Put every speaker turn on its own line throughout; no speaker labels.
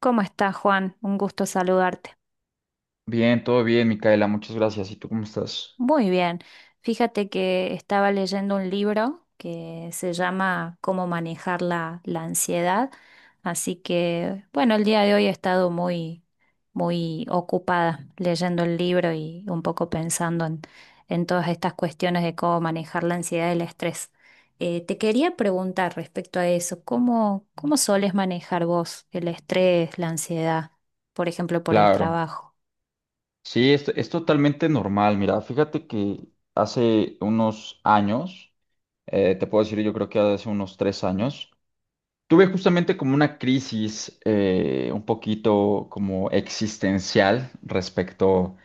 ¿Cómo estás, Juan? Un gusto saludarte.
Bien, todo bien, Micaela, muchas gracias. ¿Y tú cómo estás?
Muy bien. Fíjate que estaba leyendo un libro que se llama Cómo manejar la ansiedad. Así que, bueno, el día de hoy he estado muy ocupada leyendo el libro y un poco pensando en todas estas cuestiones de cómo manejar la ansiedad y el estrés. Te quería preguntar respecto a eso, cómo soles manejar vos el estrés, la ansiedad, por ejemplo, por el
Claro.
trabajo?
Sí, es totalmente normal. Mira, fíjate que hace unos años, te puedo decir, yo creo que hace unos tres años, tuve justamente como una crisis un poquito como existencial respecto,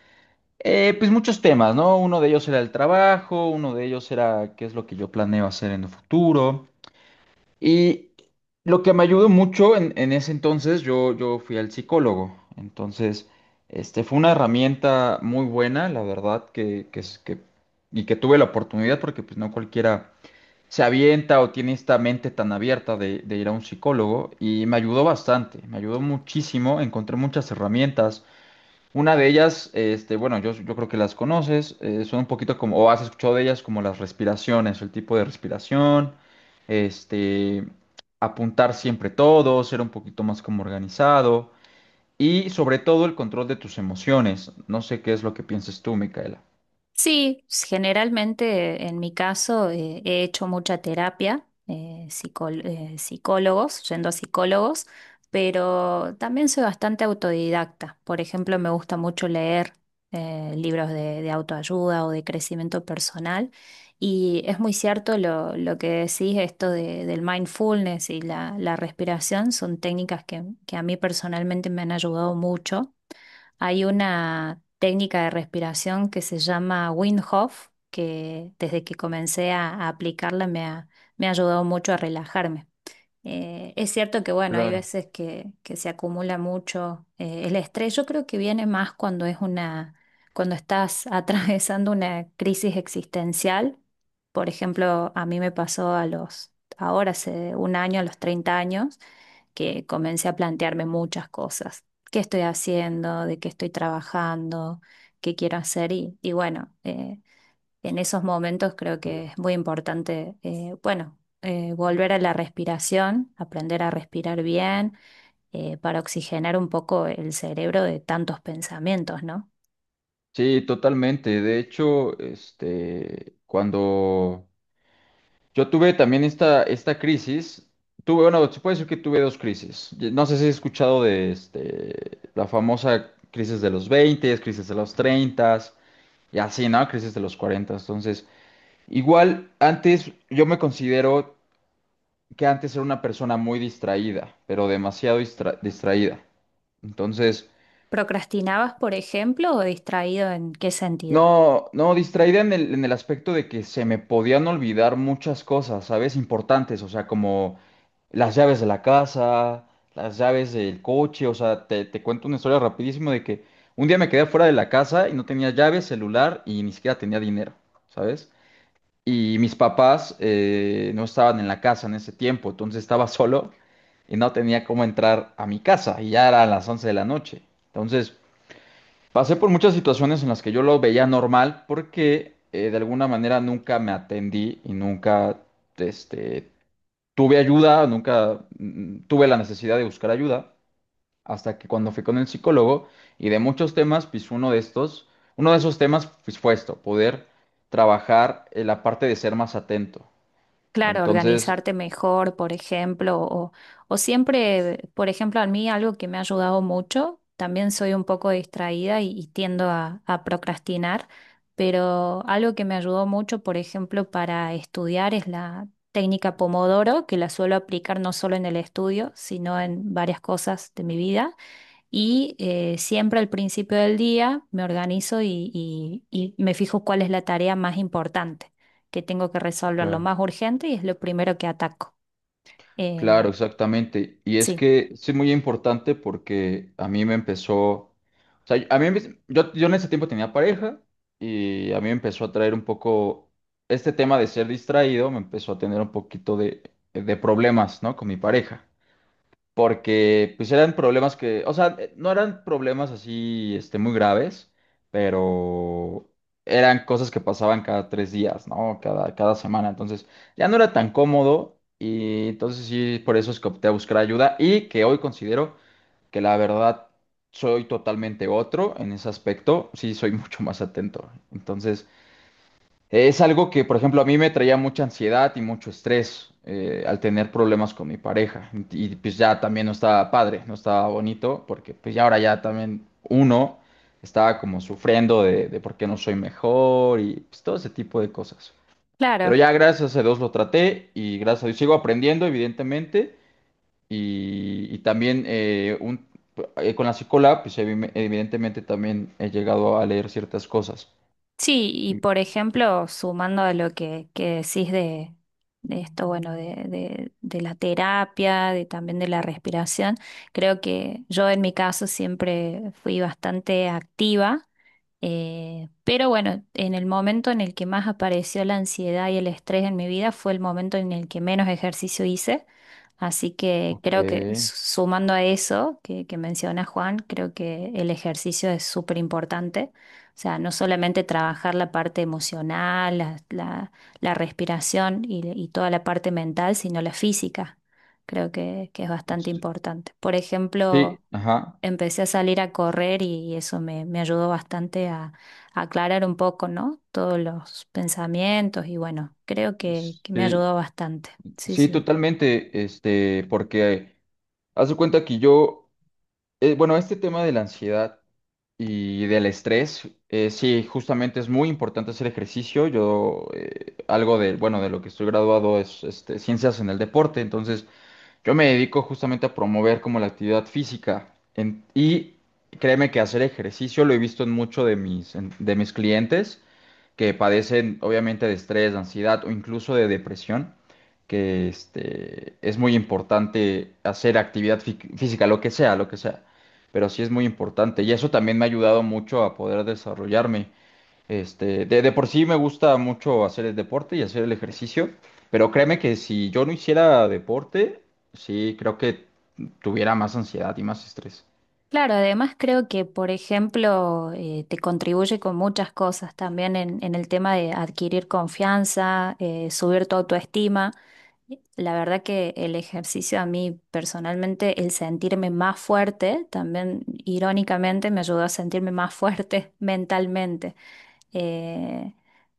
pues muchos temas, ¿no? Uno de ellos era el trabajo, uno de ellos era qué es lo que yo planeo hacer en el futuro. Y lo que me ayudó mucho en ese entonces, yo fui al psicólogo. Entonces, este fue una herramienta muy buena, la verdad, y que tuve la oportunidad porque pues no cualquiera se avienta o tiene esta mente tan abierta de ir a un psicólogo. Y me ayudó bastante, me ayudó muchísimo, encontré muchas herramientas, una de ellas, este, bueno, yo creo que las conoces, son un poquito como, o has escuchado de ellas como las respiraciones, el tipo de respiración, este, apuntar siempre todo, ser un poquito más como organizado y sobre todo el control de tus emociones. No sé qué es lo que pienses tú, Micaela.
Sí, generalmente en mi caso he hecho mucha terapia, psicólogos, yendo a psicólogos, pero también soy bastante autodidacta. Por ejemplo, me gusta mucho leer libros de autoayuda o de crecimiento personal. Y es muy cierto lo que decís, esto del mindfulness y la respiración son técnicas que a mí personalmente me han ayudado mucho. Hay una técnica de respiración que se llama Wim Hof, que desde que comencé a aplicarla me ha ayudado mucho a relajarme. Es cierto que, bueno, hay
Claro.
veces que se acumula mucho el estrés. Yo creo que viene más cuando es cuando estás atravesando una crisis existencial. Por ejemplo, a mí me pasó ahora hace un año, a los 30 años que comencé a plantearme muchas cosas. ¿Qué estoy haciendo? ¿De qué estoy trabajando? ¿Qué quiero hacer? Y bueno, en esos momentos creo que es muy importante, volver a la respiración, aprender a respirar bien, para oxigenar un poco el cerebro de tantos pensamientos, ¿no?
Sí, totalmente. De hecho, este, cuando yo tuve también esta crisis. Tuve, bueno, se puede decir que tuve dos crisis. Y no sé si has escuchado de este, la famosa crisis de los 20, crisis de los 30 y así, ¿no? Crisis de los 40. Entonces, igual antes yo me considero que antes era una persona muy distraída, pero demasiado distraída. Entonces,
¿Procrastinabas, por ejemplo, o distraído en qué sentido?
no, no, distraída en el aspecto de que se me podían olvidar muchas cosas, ¿sabes? Importantes, o sea, como las llaves de la casa, las llaves del coche, o sea, te cuento una historia rapidísimo de que un día me quedé fuera de la casa y no tenía llaves, celular y ni siquiera tenía dinero, ¿sabes? Y mis papás no estaban en la casa en ese tiempo, entonces estaba solo y no tenía cómo entrar a mi casa y ya eran las 11 de la noche. Entonces, pasé por muchas situaciones en las que yo lo veía normal porque de alguna manera nunca me atendí y nunca este, tuve ayuda, nunca tuve la necesidad de buscar ayuda, hasta que cuando fui con el psicólogo y de muchos temas, pues uno de estos, uno de esos temas pues, fue esto, poder trabajar en la parte de ser más atento.
Claro,
Entonces,
organizarte mejor, por ejemplo, o siempre, por ejemplo, a mí algo que me ha ayudado mucho, también soy un poco distraída y tiendo a procrastinar, pero algo que me ayudó mucho, por ejemplo, para estudiar es la técnica Pomodoro, que la suelo aplicar no solo en el estudio, sino en varias cosas de mi vida. Y siempre al principio del día me organizo y me fijo cuál es la tarea más importante, que tengo que resolver lo
claro.
más urgente y es lo primero que ataco. Eh,
Claro, exactamente. Y es
sí,
que sí es muy importante porque a mí me empezó, o sea, a mí, yo, en ese tiempo tenía pareja y a mí me empezó a traer un poco, este tema de ser distraído me empezó a tener un poquito de problemas, ¿no? Con mi pareja porque pues eran problemas que, o sea, no eran problemas así, este, muy graves, pero eran cosas que pasaban cada 3 días, ¿no? Cada semana, entonces ya no era tan cómodo y entonces sí, por eso es que opté a buscar ayuda y que hoy considero que la verdad soy totalmente otro en ese aspecto, sí soy mucho más atento, entonces es algo que, por ejemplo, a mí me traía mucha ansiedad y mucho estrés al tener problemas con mi pareja. Y pues ya también no estaba padre, no estaba bonito, porque pues ya ahora ya también uno estaba como sufriendo de por qué no soy mejor y pues todo ese tipo de cosas. Pero
claro.
ya gracias a Dios lo traté y gracias a Dios sigo aprendiendo, evidentemente. Y también con la psicóloga, pues evidentemente también he llegado a leer ciertas cosas.
Sí, y
Sí.
por ejemplo, sumando a lo que decís de esto, bueno, de la terapia, de también de la respiración, creo que yo en mi caso siempre fui bastante activa, pero bueno, en el momento en el que más apareció la ansiedad y el estrés en mi vida fue el momento en el que menos ejercicio hice, así que
Ok.
creo que sumando a eso que menciona Juan, creo que el ejercicio es súper importante, o sea, no solamente trabajar la parte emocional, la respiración y toda la parte mental, sino la física. Creo que es bastante importante. Por
Sí,
ejemplo,
ajá.
empecé a salir a correr y eso me ayudó bastante a aclarar un poco, ¿no? Todos los pensamientos y bueno, creo que me
Sí,
ayudó bastante. Sí,
sí,
sí.
totalmente. Este, porque haz de cuenta que yo, bueno, este tema de la ansiedad y del estrés, sí, justamente es muy importante hacer ejercicio. Yo, algo de, bueno, de lo que estoy graduado es este, ciencias en el deporte. Entonces, yo me dedico justamente a promover como la actividad física. Y créeme que hacer ejercicio lo he visto en mucho de mis, de mis clientes que padecen obviamente de estrés, de ansiedad o incluso de depresión, que este, es muy importante hacer actividad física, lo que sea, pero sí es muy importante y eso también me ha ayudado mucho a poder desarrollarme. Este, de por sí me gusta mucho hacer el deporte y hacer el ejercicio, pero créeme que si yo no hiciera deporte, sí creo que tuviera más ansiedad y más estrés.
Claro, además creo que, por ejemplo, te contribuye con muchas cosas también en el tema de adquirir confianza, subir tu autoestima. La verdad que el ejercicio a mí personalmente, el sentirme más fuerte, también irónicamente me ayudó a sentirme más fuerte mentalmente. Eh,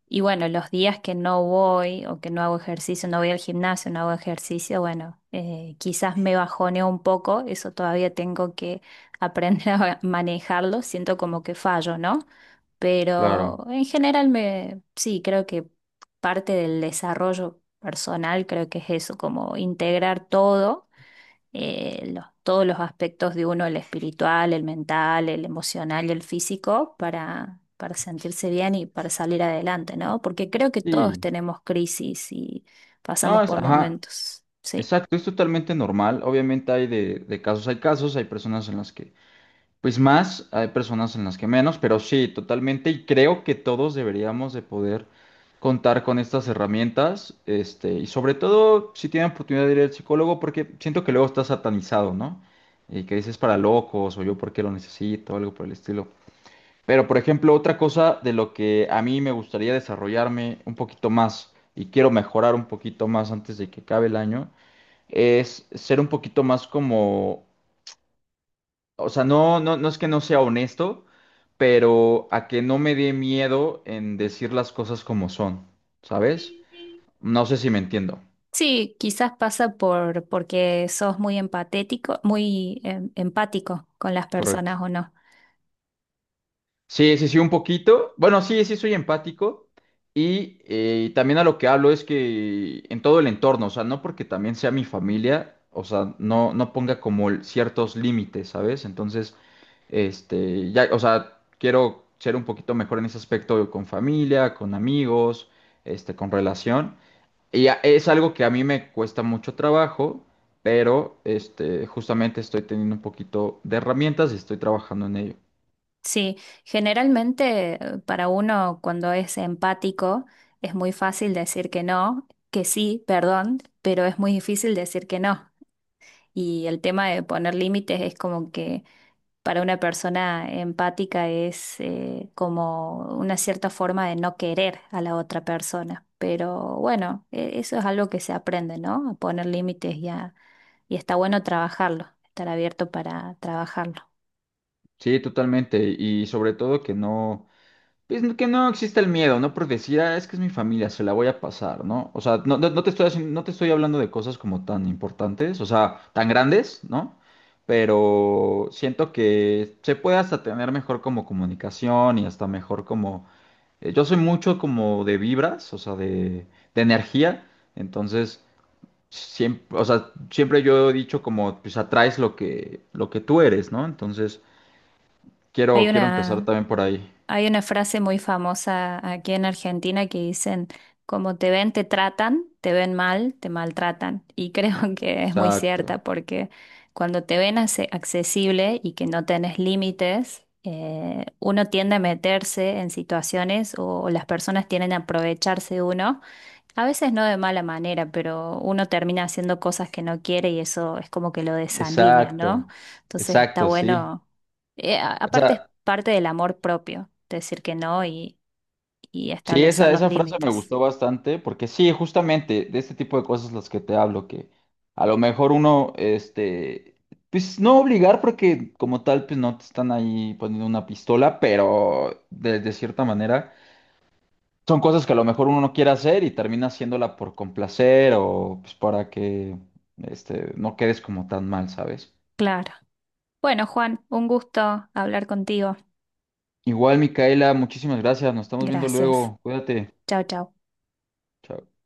y bueno, los días que no voy o que no hago ejercicio, no voy al gimnasio, no hago ejercicio, bueno, quizás me bajoneo un poco, eso todavía tengo que aprender a manejarlo, siento como que fallo, ¿no?
Claro.
Pero en general sí, creo que parte del desarrollo personal creo que es eso, como integrar todo todos los aspectos de uno, el espiritual, el mental, el emocional y el físico, para sentirse bien y para salir adelante, ¿no? Porque creo que todos
Sí.
tenemos crisis y
No,
pasamos
es,
por
ajá.
momentos, sí.
Exacto, es totalmente normal. Obviamente hay de casos, hay personas en las que pues más, hay personas en las que menos, pero sí, totalmente. Y creo que todos deberíamos de poder contar con estas herramientas, este, y sobre todo si tienen oportunidad de ir al psicólogo, porque siento que luego está satanizado, ¿no? Y que dices para locos o yo porque lo necesito, algo por el estilo. Pero por ejemplo, otra cosa de lo que a mí me gustaría desarrollarme un poquito más y quiero mejorar un poquito más antes de que acabe el año es ser un poquito más como, o sea, no es que no sea honesto, pero a que no me dé miedo en decir las cosas como son, ¿sabes? No sé si me entiendo,
Sí, quizás pasa por porque sos muy empatético, empático con las
correcto.
personas o no.
Sí, sí, sí, un poquito. Bueno, sí, sí, soy empático. Y también a lo que hablo es que en todo el entorno, o sea, no porque también sea mi familia, o sea, no, no ponga como ciertos límites, ¿sabes? Entonces, este, ya, o sea, quiero ser un poquito mejor en ese aspecto con familia, con amigos, este, con relación. Es algo que a mí me cuesta mucho trabajo, pero este, justamente estoy teniendo un poquito de herramientas y estoy trabajando en ello.
Sí, generalmente para uno cuando es empático es muy fácil decir que no, que sí, perdón, pero es muy difícil decir que no. Y el tema de poner límites es como que para una persona empática es como una cierta forma de no querer a la otra persona. Pero bueno, eso es algo que se aprende, ¿no? A poner límites, y está bueno trabajarlo, estar abierto para trabajarlo.
Sí, totalmente. Y sobre todo que no, pues que no exista el miedo, ¿no? Por decir, "Ah, es que es mi familia, se la voy a pasar, ¿no?". O sea, no te estoy haciendo, no te estoy hablando de cosas como tan importantes, o sea, tan grandes, ¿no? Pero siento que se puede hasta tener mejor como comunicación y hasta mejor como... yo soy mucho como de vibras, o sea, de energía. Entonces, siempre, o sea, siempre yo he dicho como, pues atraes lo que tú eres, ¿no? Entonces,
Hay
Quiero empezar
una,
también por ahí.
Hay una frase muy famosa aquí en Argentina que dicen, como te ven, te tratan, te ven mal, te maltratan. Y creo que es muy
Exacto,
cierta porque cuando te ven accesible y que no tenés límites, uno tiende a meterse en situaciones o las personas tienden a aprovecharse de uno a veces no de mala manera, pero uno termina haciendo cosas que no quiere y eso es como que lo desalinea, ¿no?
exacto,
Entonces está
exacto, sí.
bueno, aparte es
Esa,
parte del amor propio, decir que no y
sí,
establecer los
esa frase me
límites.
gustó bastante porque sí, justamente de este tipo de cosas las que te hablo, que a lo mejor uno, este, pues no obligar porque como tal, pues no te están ahí poniendo una pistola, pero de cierta manera son cosas que a lo mejor uno no quiere hacer y termina haciéndola por complacer o pues para que, este, no quedes como tan mal, ¿sabes?
Claro. Bueno, Juan, un gusto hablar contigo.
Igual, Micaela, muchísimas gracias. Nos estamos viendo
Gracias.
luego. Cuídate.
Chao, chao.
Chao.